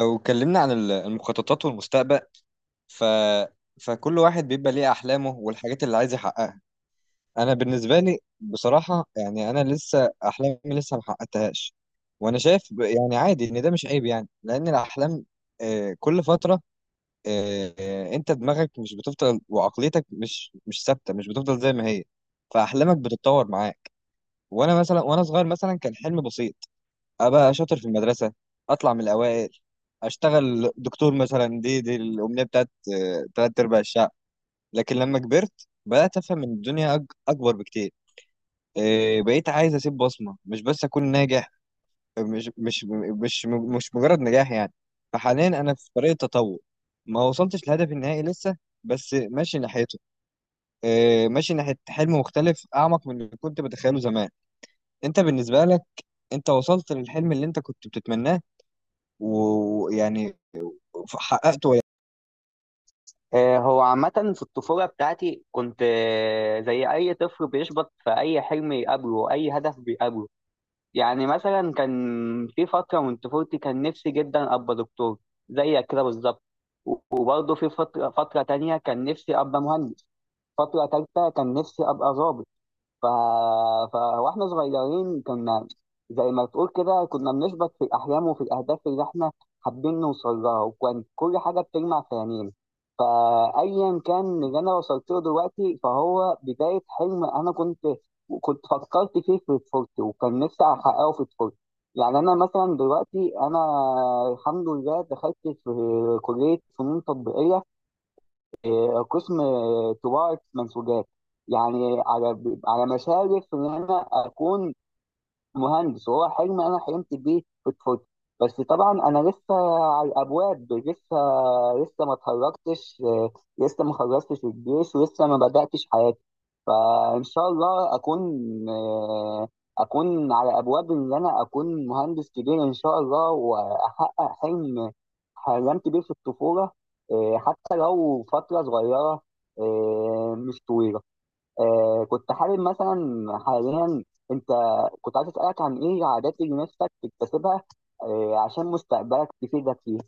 لو اتكلمنا عن المخططات والمستقبل ف... فكل واحد بيبقى ليه أحلامه والحاجات اللي عايز يحققها. أنا بالنسبة لي بصراحة يعني أنا لسه أحلامي لسه ما حققتهاش، وأنا شايف يعني عادي إن ده مش عيب، يعني لأن الأحلام كل فترة أنت دماغك مش بتفضل، وعقليتك مش ثابتة، مش بتفضل زي ما هي. فأحلامك بتتطور معاك. وأنا مثلا وأنا صغير مثلا كان حلم بسيط: ابقى شاطر في المدرسه، اطلع من الاوائل، اشتغل دكتور، مثلا دي الامنيه بتاعت تلات ارباع الشعب. لكن لما كبرت بدات افهم ان الدنيا اكبر بكتير. بقيت عايز اسيب بصمه، مش بس اكون ناجح. مش مش مش مش مجرد نجاح يعني. فحاليا انا في طريق التطور، ما وصلتش لهدفي النهائي لسه، بس ماشي ناحيته. ماشي ناحيه حلم مختلف، اعمق من اللي كنت بتخيله زمان. انت بالنسبه لك، انت وصلت للحلم اللي انت كنت بتتمناه ويعني حققته ولا؟ هو عامة في الطفولة بتاعتي كنت زي أي طفل بيشبط في أي حلم يقابله أي هدف بيقابله. يعني مثلا كان في فترة من طفولتي كان نفسي جدا أبقى دكتور زيك كده بالظبط. و- وبرضه في فترة تانية كان نفسي أبقى مهندس. فترة تالتة كان نفسي أبقى ظابط. ف... واحنا صغيرين كنا زي ما تقول كده كنا بنشبط في الأحلام وفي الأهداف اللي احنا حابين نوصل لها، وكان كل حاجة بتجمع في عينينا. فأيا كان اللي أنا وصلت له دلوقتي فهو بداية حلم أنا كنت فكرت فيه في طفولتي، وكان نفسي أحققه في طفولتي. يعني أنا مثلا دلوقتي أنا الحمد لله دخلت في كلية فنون تطبيقية، قسم طباعة منسوجات. يعني على على مشارف إن أنا أكون مهندس، وهو حلم انا حلمت بيه في طفولتي. بس طبعا انا لسه على الابواب، لسه ما اتخرجتش، لسه ما خلصتش الجيش ولسه ما بداتش حياتي. فان شاء الله اكون آه، اكون على ابواب ان انا اكون مهندس كبير ان شاء الله، واحقق حلم حلمت بيه في الطفوله. حتى لو فتره صغيره، مش طويله. كنت حابب مثلا حاليا انت، كنت عايز اسالك عن ايه عادات اللي نفسك تكتسبها عشان مستقبلك تفيدك فيه.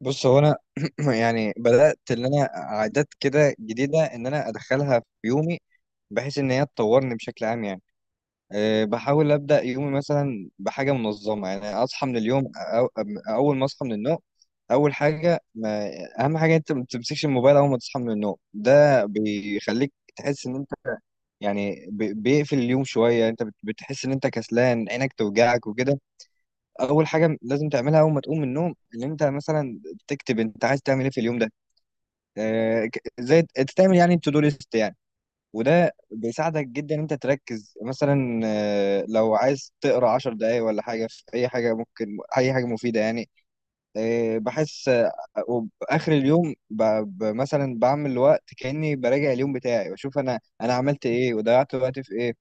بص، هو انا يعني بدات ان انا عادات كده جديده ان انا ادخلها في يومي، بحيث ان هي تطورني بشكل عام يعني. بحاول ابدا يومي مثلا بحاجه منظمه، يعني اصحى من اليوم أو اول ما اصحى من النوم. اول حاجه ما اهم حاجه انت ما تمسكش الموبايل اول ما تصحى من النوم، ده بيخليك تحس ان انت يعني بيقفل اليوم شويه، انت بتحس ان انت كسلان، عينك توجعك وكده. اول حاجه لازم تعملها اول ما تقوم من النوم ان انت مثلا تكتب انت عايز تعمل ايه في اليوم ده. زي تعمل يعني تو دو ليست يعني. وده بيساعدك جدا ان انت تركز، مثلا لو عايز تقرا 10 دقايق ولا حاجه في اي حاجه، ممكن اي حاجه مفيده يعني. آه، بحس آه، وبآخر اليوم مثلا بعمل وقت كاني براجع اليوم بتاعي واشوف انا عملت ايه وضيعت وقتي في ايه.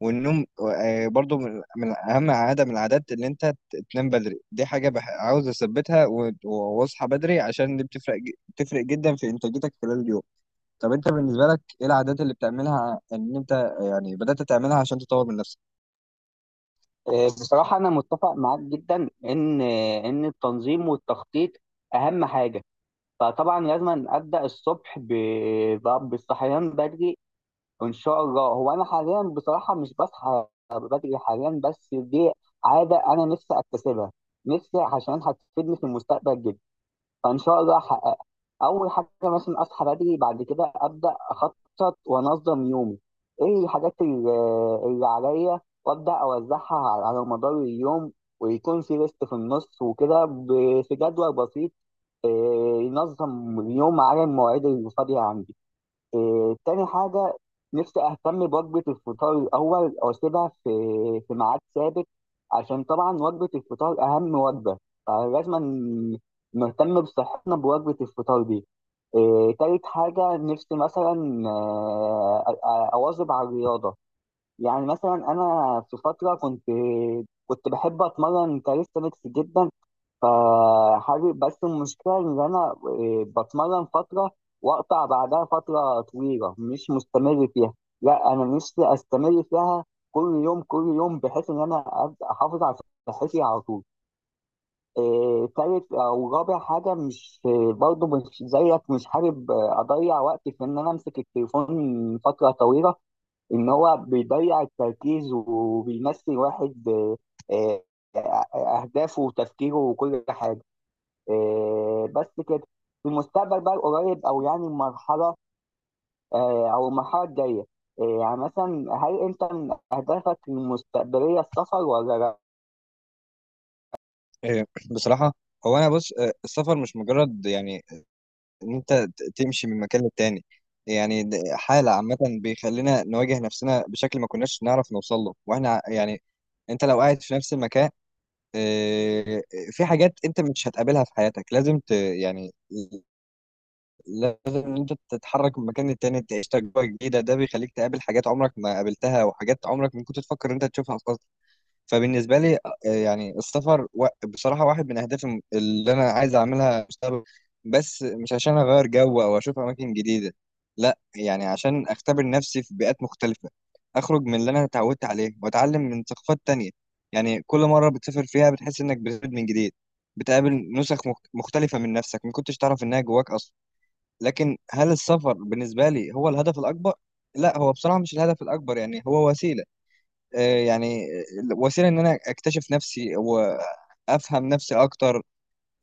والنوم برضو من اهم عاده من العادات، ان انت تنام بدري، دي حاجه عاوز اثبتها، واصحى بدري، عشان دي بتفرق بتفرق جدا في انتاجيتك خلال اليوم. طب انت بالنسبه لك، ايه العادات اللي بتعملها ان انت يعني بدات تعملها عشان تطور من نفسك؟ آه، بصراحه انا متفق معاك جدا ان ان التنظيم والتخطيط اهم حاجه. فطبعا لازم ابدا الصبح بالصحيان بدري وان شاء الله. هو انا حاليا بصراحه مش بصحى بدري حاليا، بس دي عاده انا نفسي اكتسبها، نفسي عشان هتفيدني في المستقبل جدا، فان شاء الله احققها. اول حاجه مثلا اصحى بدري، بعد كده ابدا اخطط وانظم يومي. ايه الحاجات اللي عليا، وابدا اوزعها على على مدار اليوم، ويكون في ريست في النص وكده، في جدول بسيط إيه، ينظم اليوم على المواعيد اللي فاضيه عندي. إيه، تاني حاجة نفسي أهتم بوجبة الفطار الأول وأسيبها في في ميعاد ثابت، عشان طبعا وجبة الفطار أهم وجبة، فلازم نهتم بصحتنا بوجبة الفطار دي. إيه، تالت حاجة نفسي مثلا، أواظب على الرياضة. يعني مثلا أنا في فترة كنت بحب أتمرن كاليستانكس جدا، فحابب. بس المشكلة إن أنا بتمرن فترة وأقطع بعدها فترة طويلة مش مستمر فيها. لا أنا نفسي أستمر فيها كل يوم بحيث إن أنا أبقى أحافظ على صحتي على طول. آه، تالت أو رابع حاجة، مش برضه مش زيك، مش حابب أضيع وقتي في إن أنا أمسك التليفون فترة طويلة، إن هو بيضيع التركيز وبيمثل واحد آه، أهدافه وتفكيره وكل حاجة. بس كده. في المستقبل بقى القريب او يعني المرحله، او المرحله الجايه، يعني مثلا هل انت من اهدافك المستقبليه السفر ولا لا؟ بصراحه هو انا بص، السفر مش مجرد يعني ان انت تمشي من مكان للتاني. يعني حاله عامه بيخلينا نواجه نفسنا بشكل ما كناش نعرف نوصل له، واحنا يعني انت لو قاعد في نفس المكان آه، في حاجات انت مش هتقابلها في حياتك، لازم يعني لازم ان انت تتحرك من مكان للتاني، تعيش تجربه جديده، ده بيخليك تقابل حاجات عمرك ما قابلتها، وحاجات عمرك ما كنت تفكر ان انت تشوفها اصلا. فبالنسبه لي يعني السفر بصراحه واحد من اهدافي اللي انا عايز اعملها مستقبل، بس مش عشان اغير جو او اشوف اماكن جديده، لا يعني عشان اختبر نفسي في بيئات مختلفه، اخرج من اللي انا اتعودت عليه واتعلم من ثقافات تانية. يعني كل مره بتسافر فيها بتحس انك بتولد من جديد، بتقابل نسخ مختلفه من نفسك ما كنتش تعرف انها جواك اصلا. لكن هل السفر بالنسبه لي هو الهدف الاكبر؟ لا، هو بصراحه مش الهدف الاكبر، يعني هو وسيله. آه، يعني وسيله ان انا اكتشف نفسي وافهم نفسي اكتر.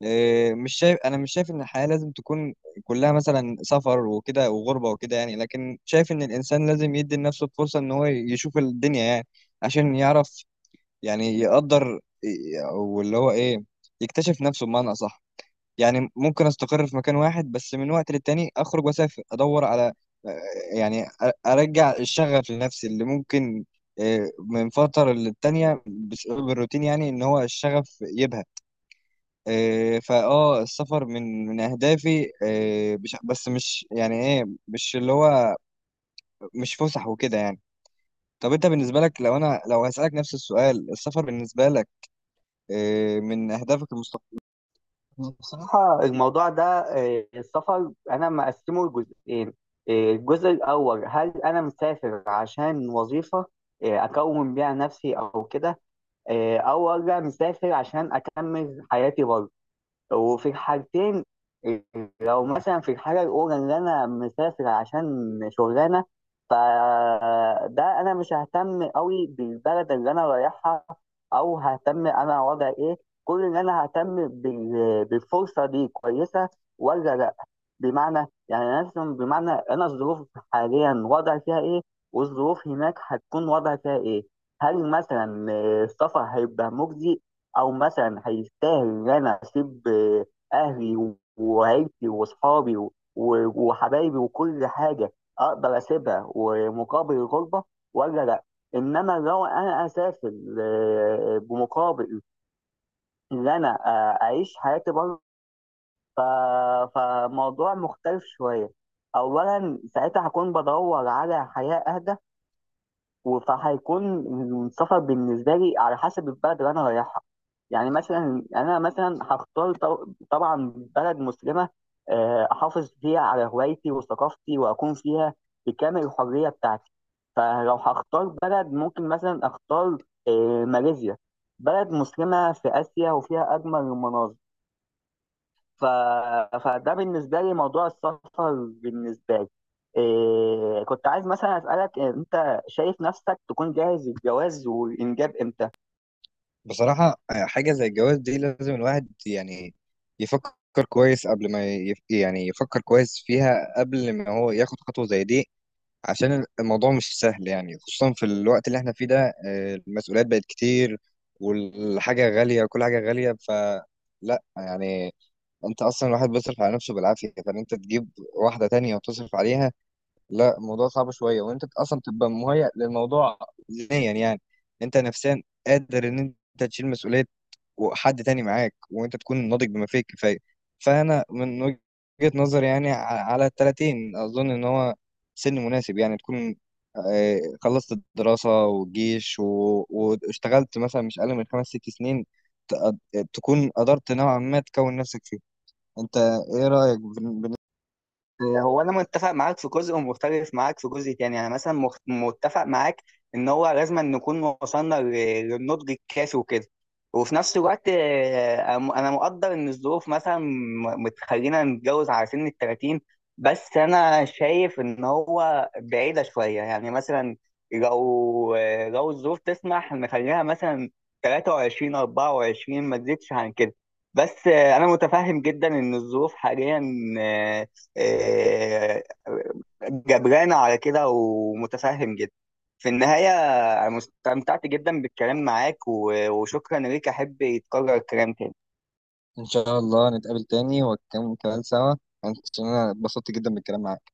مش شايف انا مش شايف ان الحياه لازم تكون كلها مثلا سفر وكده وغربه وكده، يعني لكن شايف ان الانسان لازم يدي لنفسه الفرصه ان هو يشوف الدنيا، يعني عشان يعرف، يعني يقدر واللي هو ايه، يكتشف نفسه بمعنى اصح. يعني ممكن استقر في مكان واحد، بس من وقت للتاني اخرج واسافر ادور على يعني ارجع الشغف لنفسي اللي ممكن من فترة للتانية بسبب الروتين يعني ان هو الشغف يبهى. فاه السفر من اهدافي بس مش يعني ايه مش اللي هو مش فسح وكده يعني. طب انت بالنسبة لك، لو هسألك نفس السؤال، السفر بالنسبة لك من اهدافك المستقبلية؟ بصراحه الموضوع ده، السفر انا مقسمه لجزئين. الجزء الاول، هل انا مسافر عشان وظيفه اكون بيها نفسي او كده، آه، او ولا مسافر عشان اكمل حياتي بره. وفي حاجتين. لو مثلا في الحاجة الأولى اللي أنا مسافر عشان شغلانة، فده أنا مش ههتم أوي بالبلد اللي أنا رايحها، أو ههتم أنا وضع إيه. كل اللي أنا ههتم بالفرصة دي كويسة ولا لأ. بمعنى يعني أنا مثلا، بمعنى أنا الظروف حاليا وضع فيها إيه، والظروف هناك هتكون وضع فيها إيه، هل مثلا السفر هيبقى مجزي او مثلا هيستاهل ان انا اسيب اهلي وعيلتي واصحابي وحبايبي وكل حاجه، اقدر اسيبها ومقابل الغربه ولا لا. انما لو انا اسافر بمقابل ان انا اعيش حياتي بره، فموضوع مختلف شويه. اولا ساعتها هكون بدور على حياه اهدى، فهيكون السفر بالنسبة لي على حسب البلد اللي أنا رايحها. يعني مثلا أنا مثلا هختار طبعا بلد مسلمة، أحافظ فيها على هوايتي وثقافتي وأكون فيها بكامل الحرية بتاعتي. فلو هختار بلد ممكن مثلا أختار ماليزيا، بلد مسلمة في آسيا وفيها أجمل المناظر. ف... فده بالنسبة لي موضوع السفر بالنسبة لي. كنت عايز مثلا أسألك، أنت شايف نفسك تكون جاهز للجواز والإنجاب إمتى؟ بصراحة حاجة زي الجواز دي لازم الواحد يعني يفكر كويس قبل ما يعني يفكر كويس فيها قبل ما هو ياخد خطوة زي دي. عشان الموضوع مش سهل، يعني خصوصا في الوقت اللي احنا فيه ده المسؤوليات بقت كتير، والحاجة غالية، كل حاجة غالية، فلا يعني انت اصلا الواحد بيصرف على نفسه بالعافية، فان انت تجيب واحدة تانية وتصرف عليها، لا الموضوع صعب شوية. وانت اصلا تبقى مهيأ للموضوع ذهنيا يعني، انت نفسيا قادر ان انت تشيل مسؤولية وحد تاني معاك، وانت تكون ناضج بما فيه الكفايه. فانا من وجهه نظري يعني على الـ30 اظن ان هو سن مناسب، يعني تكون خلصت الدراسه والجيش واشتغلت مثلا مش اقل من خمس ست سنين، تكون قدرت نوعا ما تكون نفسك فيه. انت ايه رايك هو انا متفق معاك في جزء ومختلف معاك في جزء تاني. يعني مثلا متفق معاك ان هو لازم نكون وصلنا للنضج الكافي وكده، وفي نفس الوقت آه، انا أنا مقدر ان الظروف مثلا بتخلينا نتجوز على سن ال 30. بس انا شايف ان هو بعيدة شوية. يعني مثلا لو لو الظروف تسمح نخليها مثلا 23 24، ما تزيدش عن كده. بس انا متفهم جدا ان الظروف حاليا آه، جبران على كده، ومتفهم جدا. في النهاية أنا استمتعت جدا بالكلام معاك وشكرا ليك، أحب يتكرر الكلام تاني. ان شاء الله نتقابل تاني ونكمل كلام سوا، عشان انا اتبسطت جدا بالكلام معاك.